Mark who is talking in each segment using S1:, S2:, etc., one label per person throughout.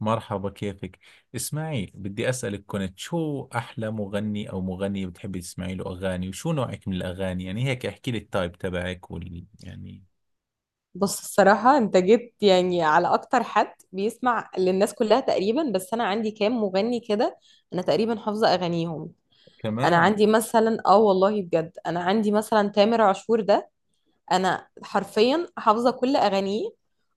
S1: مرحبا، كيفك؟ اسمعي، بدي أسألك كنت شو أحلى مغني أو مغنية بتحبي تسمعي له أغاني؟ وشو نوعك من الأغاني؟ يعني هيك احكي لي التايب تبعك وال يعني
S2: بص الصراحة انت جيت يعني على اكتر حد بيسمع للناس كلها تقريبا، بس انا عندي كام مغني كده. انا تقريبا حافظة اغانيهم. انا
S1: كمان.
S2: عندي مثلا، اه والله بجد، انا عندي مثلا تامر عاشور ده. انا حرفيا حافظه كل اغانيه.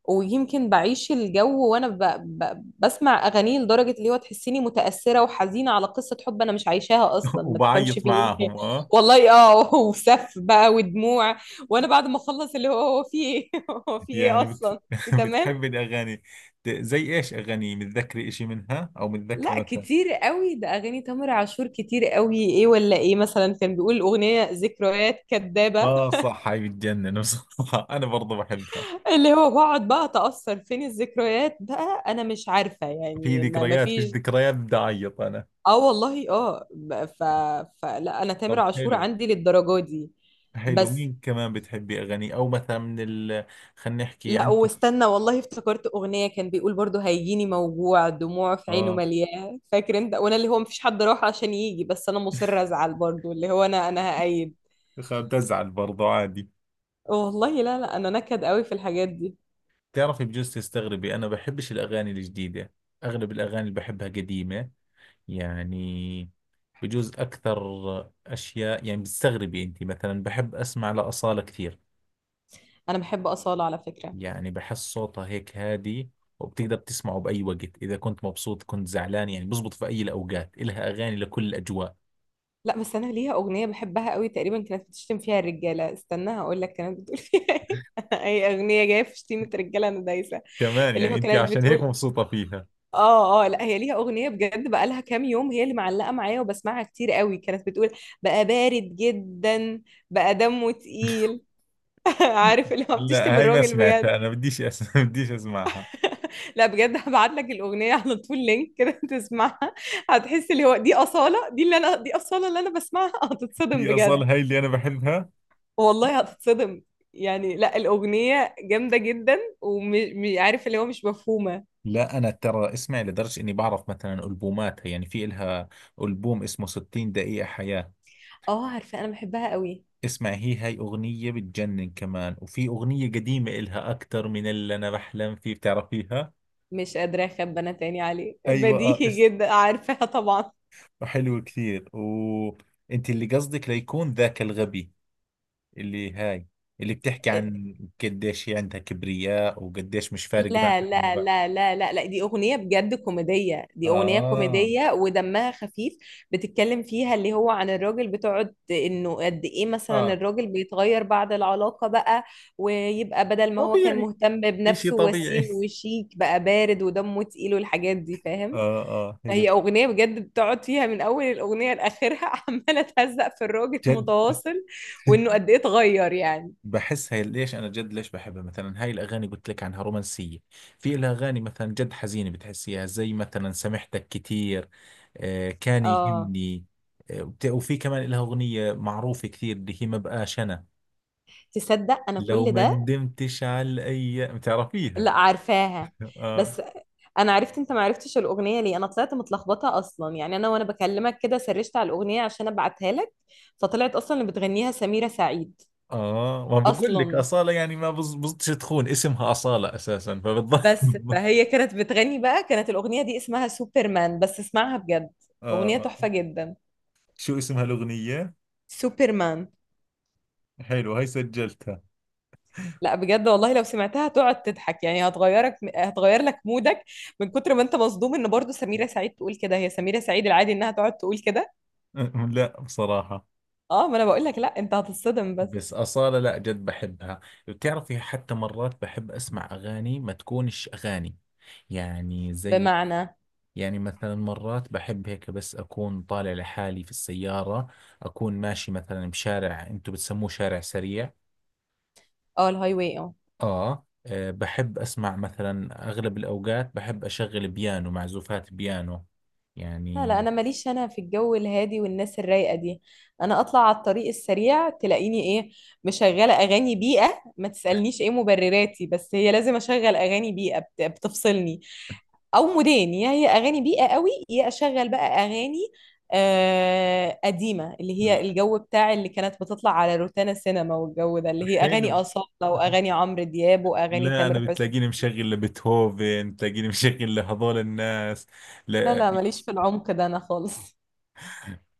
S2: ويمكن بعيش الجو وانا بسمع اغانيه لدرجه اللي هو تحسيني متاثره وحزينه على قصه حب انا مش عايشاها اصلا، ما تفهمش
S1: وبعيط
S2: في
S1: معاهم،
S2: ايه
S1: اه
S2: والله اه وسف بقى ودموع. وانا بعد ما اخلص اللي هو هو في ايه هو في ايه
S1: يعني
S2: اصلا. انت تمام.
S1: بتحبي الأغاني؟ زي إيش أغاني؟ متذكري إشي منها أو متذكري
S2: لا
S1: مثلا؟
S2: كتير قوي ده، اغاني تامر عاشور كتير قوي ايه، ولا ايه مثلا كان بيقول اغنيه ذكريات كدابه،
S1: آه صح، هاي بتجنن بصراحة. أنا برضو بحبها.
S2: اللي هو بقعد بقى اتأثر فين الذكريات بقى، انا مش عارفة
S1: في
S2: يعني ما
S1: ذكريات، فيش
S2: فيش.
S1: ذكريات بدي أعيط أنا.
S2: اه والله اه، ب- ف... فلا انا تامر
S1: طب
S2: عاشور
S1: حلو.
S2: عندي للدرجة دي.
S1: حلو،
S2: بس
S1: مين كمان بتحبي أغاني؟ أو مثلا من ال، خلينا نحكي
S2: لا،
S1: عندكم.
S2: واستنى والله افتكرت اغنية كان بيقول برضو هيجيني موجوع دموع في عينه
S1: اه.
S2: مليان فاكر انت وانا، اللي هو مفيش حد راح عشان يجي بس انا مصر ازعل برضو، اللي هو انا هأيد.
S1: بزعل برضه عادي.
S2: والله لا لا، انا نكد قوي في الحاجات دي.
S1: تعرفي بجوز تستغربي، انا بحبش الاغاني الجديده. اغلب الاغاني اللي بحبها قديمه، يعني بجوز اكثر اشياء يعني بتستغربي انت. مثلا بحب اسمع لاصاله كثير،
S2: انا بحب أصالة على فكرة.
S1: يعني بحس صوتها هيك هادي، وبتقدر تسمعه باي وقت، اذا كنت مبسوط كنت زعلان، يعني بزبط في اي الاوقات، الها اغاني لكل الاجواء.
S2: لا بس انا ليها اغنيه بحبها قوي، تقريبا كانت بتشتم فيها الرجاله، استنى هقول لك كانت بتقول فيها ايه اي اغنيه جايه في شتيمه رجاله انا دايسه.
S1: كمان
S2: اللي
S1: يعني
S2: هو
S1: انت
S2: كانت
S1: عشان هيك
S2: بتقول
S1: مبسوطه فيها؟
S2: اه اه، لا هي ليها اغنيه بجد بقى لها كام يوم هي اللي معلقه معايا وبسمعها كتير قوي، كانت بتقول بقى بارد جدا، بقى دمه تقيل عارف اللي هو
S1: لا
S2: بتشتم
S1: هاي ما
S2: الراجل بجد.
S1: سمعتها انا، بديش اسمعها.
S2: لا بجد هبعت لك الاغنيه على طول لينك كده تسمعها. هتحس اللي هو دي اصاله، دي اللي انا، دي اصاله اللي انا بسمعها هتتصدم
S1: هي
S2: بجد.
S1: اصلا هاي اللي انا بحبها.
S2: والله هتتصدم. يعني لا الأغنية جامدة جدا، وعارف اللي هو مش مفهومة.
S1: لا انا ترى اسمع لدرجه اني بعرف مثلا البوماتها. يعني في الها البوم اسمه 60 دقيقه حياه.
S2: اه عارفة، أنا بحبها قوي.
S1: اسمع هي هاي اغنيه بتجنن كمان. وفي اغنيه قديمه الها، اكثر من اللي انا بحلم فيه، بتعرفيها؟
S2: مش قادرة أخبي أنا تاني عليه،
S1: ايوه،
S2: بديهي جدا عارفاها طبعا.
S1: حلوه كثير. وانت اللي قصدك ليكون ذاك الغبي، اللي هاي اللي بتحكي عن، قديش هي عندها كبرياء وقديش مش فارق معها.
S2: لا لا لا لا لا لا، دي أغنية بجد كوميدية، دي أغنية
S1: اه،
S2: كوميدية ودمها خفيف. بتتكلم فيها اللي هو عن الراجل، بتقعد إنه قد إيه مثلا
S1: اه
S2: الراجل بيتغير بعد العلاقة بقى، ويبقى بدل ما هو كان
S1: طبيعي،
S2: مهتم
S1: اشي
S2: بنفسه
S1: طبيعي.
S2: وسيم وشيك بقى بارد ودمه تقيل والحاجات دي فاهم.
S1: اه اه، حلو،
S2: هي أغنية بجد بتقعد فيها من أول الأغنية لآخرها عمالة تهزق في الراجل
S1: جد.
S2: متواصل، وإنه قد إيه اتغير يعني.
S1: بحس هي ليش انا جد ليش بحبها، مثلا هاي الاغاني قلت لك عنها رومانسيه. في لها اغاني مثلا جد حزينه، بتحسيها زي مثلا سامحتك كثير، آه كان
S2: اه
S1: يهمني، وفي كمان لها اغنيه معروفه كثير، اللي هي ما بقاش انا،
S2: تصدق انا
S1: لو
S2: كل
S1: ما
S2: ده.
S1: ندمتش على الايام، بتعرفيها؟
S2: لا عارفاها.
S1: اه.
S2: بس انا عرفت انت ما عرفتش الاغنيه ليه، انا طلعت متلخبطه اصلا، يعني انا وانا بكلمك كده سرشت على الاغنيه عشان ابعتها لك فطلعت اصلا اللي بتغنيها سميره سعيد.
S1: اه ما بقول لك
S2: اصلا
S1: اصاله يعني، ما بزبطش تخون اسمها اصاله اساسا، فبتضل.
S2: بس فهي كانت بتغني بقى، كانت الاغنيه دي اسمها سوبرمان، بس اسمعها بجد
S1: اه
S2: اغنيه تحفه
S1: آه.
S2: جدا.
S1: شو اسمها الاغنيه؟
S2: سوبرمان.
S1: حلو، هاي سجلتها.
S2: لا بجد والله لو سمعتها تقعد تضحك، يعني هتغيرك، هتغير لك مودك من كتر ما انت مصدوم ان برضو سميرة سعيد تقول كده، هي سميرة سعيد العادي انها تقعد تقول كده.
S1: لا بصراحة
S2: اه ما انا بقول لك، لا انت هتتصدم بس.
S1: بس أصالة، لا جد بحبها. بتعرفي حتى مرات بحب أسمع أغاني ما تكونش أغاني، يعني زي،
S2: بمعنى.
S1: يعني مثلا مرات بحب هيك، بس أكون طالع لحالي في السيارة، أكون ماشي مثلا بشارع أنتو بتسموه شارع سريع،
S2: اه الهاي واي اه.
S1: آه آه، بحب أسمع مثلا، أغلب الأوقات بحب أشغل بيانو، معزوفات بيانو
S2: لا لا
S1: يعني.
S2: انا ماليش انا في الجو الهادي والناس الرايقه دي. انا اطلع على الطريق السريع تلاقيني ايه، مشغله اغاني بيئه، ما تسالنيش ايه مبرراتي بس هي لازم اشغل اغاني بيئه بتفصلني. او مودين، يا هي اغاني بيئه قوي، يا اشغل بقى اغاني آه قديمه، اللي هي
S1: ل-
S2: الجو بتاع اللي كانت بتطلع على روتانا سينما، والجو ده اللي هي اغاني
S1: حلو.
S2: اصاله واغاني عمرو دياب واغاني
S1: لا انا
S2: تامر حسني.
S1: بتلاقيني مشغل لبيتهوفن، تلاقيني مشغل لهذول الناس.
S2: لا
S1: لا،
S2: لا ماليش في العمق ده انا خالص.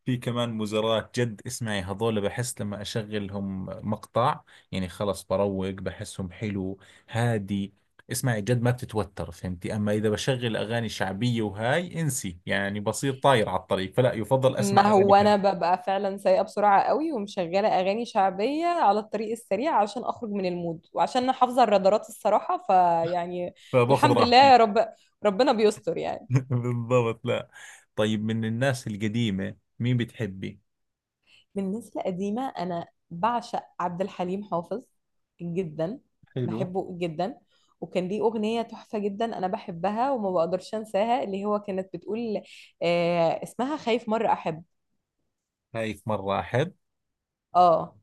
S1: في كمان مزارات جد، اسمعي هذول بحس لما اشغلهم مقطع، يعني خلص بروق، بحسهم حلو، هادي. اسمعي جد ما بتتوتر، فهمتي؟ اما اذا بشغل اغاني شعبية وهاي، انسي يعني، بصير طاير على الطريق، فلا يفضل اسمع
S2: ما هو
S1: اغاني هاي
S2: انا ببقى فعلا سايقه بسرعه قوي ومشغله اغاني شعبيه على الطريق السريع عشان اخرج من المود، وعشان انا حافظه الرادارات الصراحه فيعني.
S1: فباخذ
S2: الحمد لله يا
S1: راحتي.
S2: رب. ربنا بيستر يعني.
S1: بالضبط، لا. طيب من الناس القديمة مين بتحبي؟
S2: بالنسبه لقديمه انا بعشق عبد الحليم حافظ جدا.
S1: حلو.
S2: بحبه جدا. وكان ليه اغنيه تحفه جدا انا بحبها وما بقدرش انساها، اللي هو كانت بتقول آه، اسمها خايف مره احب.
S1: شايف مرة أحب.
S2: اه.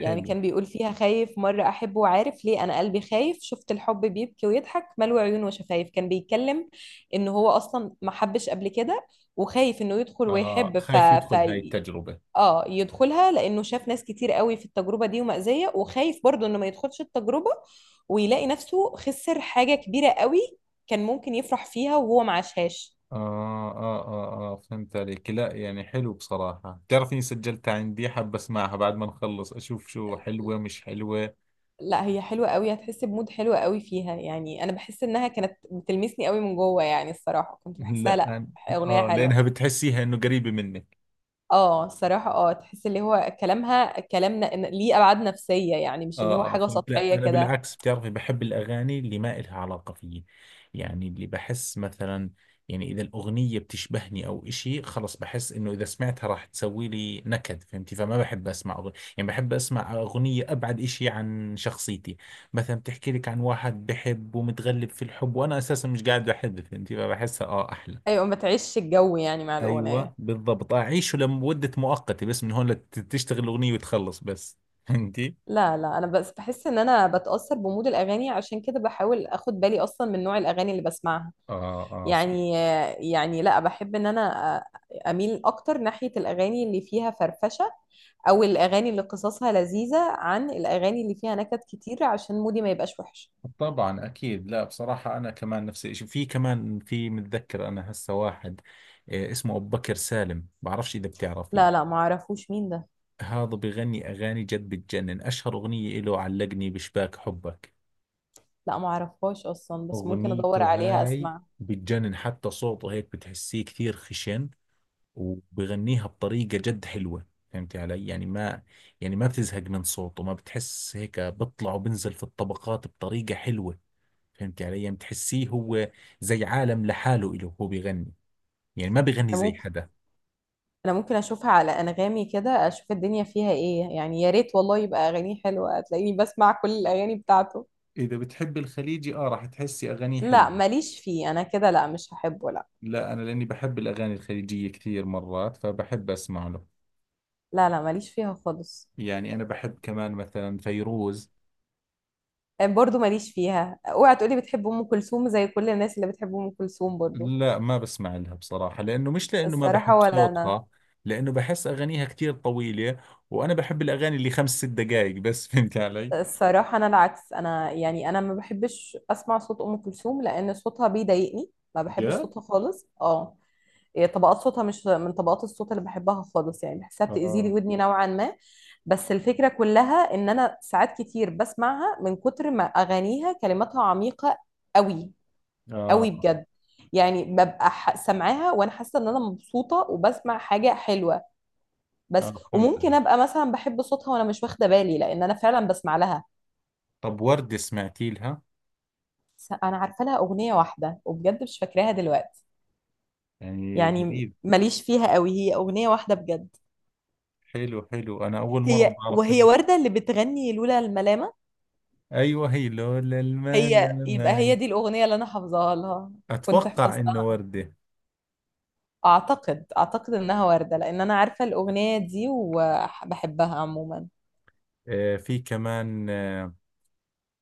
S2: يعني كان بيقول فيها خايف مرة أحب وعارف ليه أنا قلبي خايف شفت الحب بيبكي ويضحك ملوي عيون وشفايف. كان بيتكلم إن هو أصلا ما حبش قبل كده وخايف إنه يدخل
S1: آه
S2: ويحب
S1: خايف يدخل هاي التجربة.
S2: اه يدخلها لأنه شاف ناس كتير قوي في التجربة دي ومأزية، وخايف برضه إنه ما يدخلش التجربة ويلاقي نفسه خسر حاجة كبيرة قوي كان ممكن يفرح فيها وهو ما عاشهاش.
S1: آه آه آه آه، فهمت عليك. لا يعني حلو بصراحة، بتعرفني سجلتها عندي، حاب أسمعها بعد ما نخلص، أشوف شو حلوة مش حلوة.
S2: لا هي حلوة قوي، هتحس بمود حلو قوي فيها، يعني انا بحس انها كانت بتلمسني قوي من جوه، يعني الصراحة كنت بحسها
S1: لا
S2: لا اغنية
S1: آه
S2: حلوة.
S1: لأنها بتحسيها إنه قريبة مني.
S2: اه الصراحة اه، تحس اللي هو كلامها كلام ليه ابعاد نفسية، يعني
S1: اه،
S2: مش اللي هو
S1: آه،
S2: حاجة
S1: فهمت. لا
S2: سطحية
S1: انا
S2: كده.
S1: بالعكس، بتعرفي بحب الاغاني اللي ما إلها علاقه فيي. يعني اللي بحس مثلا، يعني اذا الاغنيه بتشبهني او إشي، خلص بحس انه اذا سمعتها راح تسوي لي نكد، فهمتي؟ فما بحب اسمع أغنية يعني، بحب اسمع اغنيه ابعد إشي عن شخصيتي. مثلا بتحكي لك عن واحد بحب ومتغلب في الحب، وانا اساسا مش قاعد بحب، فهمتي؟ فبحسها اه احلى.
S2: ايوه ما تعيش الجو يعني مع الاغنية.
S1: ايوه بالضبط، اعيشه لمده مؤقته بس، من هون لتشتغل الاغنيه وتخلص بس، فهمتي؟
S2: لا لا انا بس بحس ان انا بتأثر بمود الاغاني، عشان كده بحاول اخد بالي اصلا من نوع الاغاني اللي بسمعها
S1: اه اه،
S2: يعني. يعني لا بحب ان انا اميل اكتر ناحية الاغاني اللي فيها فرفشة، او الاغاني اللي قصصها لذيذه، عن الاغاني اللي فيها نكت كتير، عشان مودي ما يبقاش وحش.
S1: طبعا اكيد. لا بصراحه انا كمان نفس الشيء. في كمان، في متذكر انا هسه واحد، آه، اسمه ابو بكر سالم، بعرفش اذا
S2: لا
S1: بتعرفيه.
S2: لا ما اعرفوش مين ده.
S1: هذا بغني اغاني جد بتجنن، اشهر اغنيه له علقني بشباك حبك.
S2: لا ما اعرفهاش اصلا بس ممكن ادور
S1: اغنيته
S2: عليها
S1: هاي
S2: اسمع.
S1: بتجنن، حتى صوته هيك بتحسيه كثير خشن، وبغنيها بطريقه جد حلوه. فهمتي علي يعني؟ ما يعني، ما بتزهق من صوته، ما بتحس هيك، بطلع وبنزل في الطبقات بطريقه حلوه. فهمت علي يعني؟ بتحسيه هو زي عالم لحاله إله، هو بيغني، يعني ما بيغني
S2: انا
S1: زي
S2: ممكن،
S1: حدا.
S2: انا ممكن اشوفها على انغامي كده، اشوف الدنيا فيها ايه يعني، يا ريت والله يبقى اغانيه حلوه هتلاقيني بسمع كل الاغاني بتاعته.
S1: إذا بتحب الخليجي آه، راح تحسي أغانيه
S2: لا
S1: حلوة.
S2: ماليش فيه انا كده، لا مش هحبه لا.
S1: لا أنا لأني بحب الأغاني الخليجية كثير مرات، فبحب أسمع له.
S2: لا لا ماليش فيها خالص.
S1: يعني أنا بحب كمان مثلا فيروز.
S2: آه، برضو ماليش فيها. اوعى تقولي بتحب ام كلثوم زي كل الناس اللي بتحب ام كلثوم برضو.
S1: لا ما بسمع لها بصراحة، لأنه مش لأنه ما
S2: الصراحه
S1: بحب
S2: ولا انا.
S1: صوتها، لأنه بحس أغانيها كثير طويلة، وأنا بحب الأغاني اللي 5 ست دقائق بس. فهمت علي؟
S2: الصراحة أنا العكس، أنا يعني أنا ما بحبش أسمع صوت أم كلثوم لأن صوتها بيضايقني. ما بحبش
S1: جد؟
S2: صوتها خالص اه. هي طبقات صوتها مش من طبقات الصوت اللي بحبها خالص، يعني بحسها بتأذي لي
S1: آه
S2: ودني نوعا ما. بس الفكرة كلها إن أنا ساعات كتير بسمعها من كتر ما أغانيها كلماتها عميقة قوي،
S1: آه
S2: قوي بجد. يعني ببقى سامعاها وأنا حاسة إن أنا مبسوطة وبسمع حاجة حلوة بس،
S1: آه، فهمت علي.
S2: وممكن ابقى مثلا بحب صوتها وانا مش واخده بالي لان انا فعلا بسمع لها.
S1: طب وردة سمعتي لها؟
S2: انا عارفه لها اغنيه واحده وبجد مش فاكراها دلوقتي.
S1: يعني
S2: يعني
S1: غريب.
S2: ماليش فيها قوي، هي اغنيه واحده بجد.
S1: حلو حلو، أنا أول مرة
S2: هي
S1: بعرف
S2: وهي
S1: إنه،
S2: ورده اللي بتغني لولا الملامه.
S1: أيوة هي لولا المال
S2: هي يبقى هي
S1: لماي.
S2: دي الاغنيه اللي انا حافظاها لها. كنت
S1: أتوقع إنه
S2: حفظتها.
S1: وردة.
S2: اعتقد اعتقد انها ورده لان انا عارفه الاغنيه دي وبحبها عموما.
S1: آه في كمان، آه،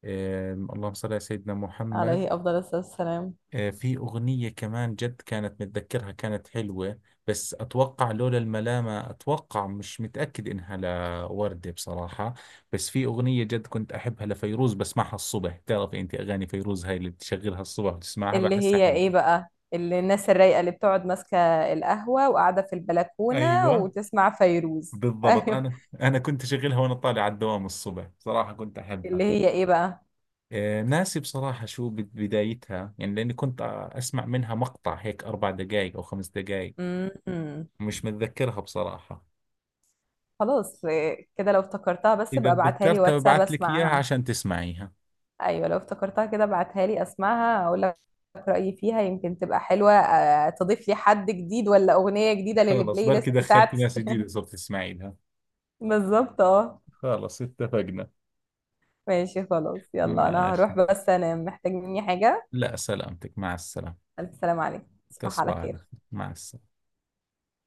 S1: آه اللهم صل على سيدنا محمد.
S2: عليه افضل الصلاه والسلام.
S1: آه في أغنية كمان جد كانت متذكرها، كانت حلوة، بس أتوقع لولا الملامة، أتوقع مش متأكد إنها لوردة بصراحة. بس في أغنية جد كنت أحبها لفيروز، بسمعها الصبح. تعرفي أنت أغاني فيروز هاي اللي بتشغلها الصبح وتسمعها،
S2: اللي
S1: بحسها
S2: هي ايه
S1: حلوة.
S2: بقى، اللي الناس الرايقه اللي بتقعد ماسكه القهوه وقاعده في البلكونه
S1: ايوه
S2: وتسمع فيروز
S1: بالضبط،
S2: ايوه.
S1: انا كنت اشغلها وانا طالع على الدوام الصبح، صراحه كنت
S2: اللي
S1: احبها.
S2: هي ايه بقى.
S1: آه، ناسي بصراحه شو بدايتها، يعني لاني كنت آه، اسمع منها مقطع هيك، 4 دقائق او 5 دقائق.
S2: م- م.
S1: مش متذكرها بصراحه.
S2: خلاص إيه، كده لو افتكرتها بس
S1: اذا
S2: يبقى ابعتها لي
S1: تذكرتها
S2: واتساب
S1: ببعث لك اياها
S2: اسمعها.
S1: عشان تسمعيها.
S2: ايوه لو افتكرتها كده ابعتها لي اسمعها اقول لك رايي فيها، يمكن تبقى حلوه آه، تضيف لي حد جديد ولا اغنيه جديده
S1: خلص
S2: للبلاي
S1: بركي
S2: ليست
S1: دخلت
S2: بتاعتي
S1: ناس جديده صرت تسمعي لها.
S2: بالظبط اه.
S1: خلص اتفقنا.
S2: ماشي خلاص يلا انا
S1: ماشي.
S2: هروح بس انا محتاج مني حاجه.
S1: لا سلامتك، مع السلامه.
S2: الف سلام عليكم، تصبح على
S1: تصبح على
S2: خير.
S1: خير، مع السلامه.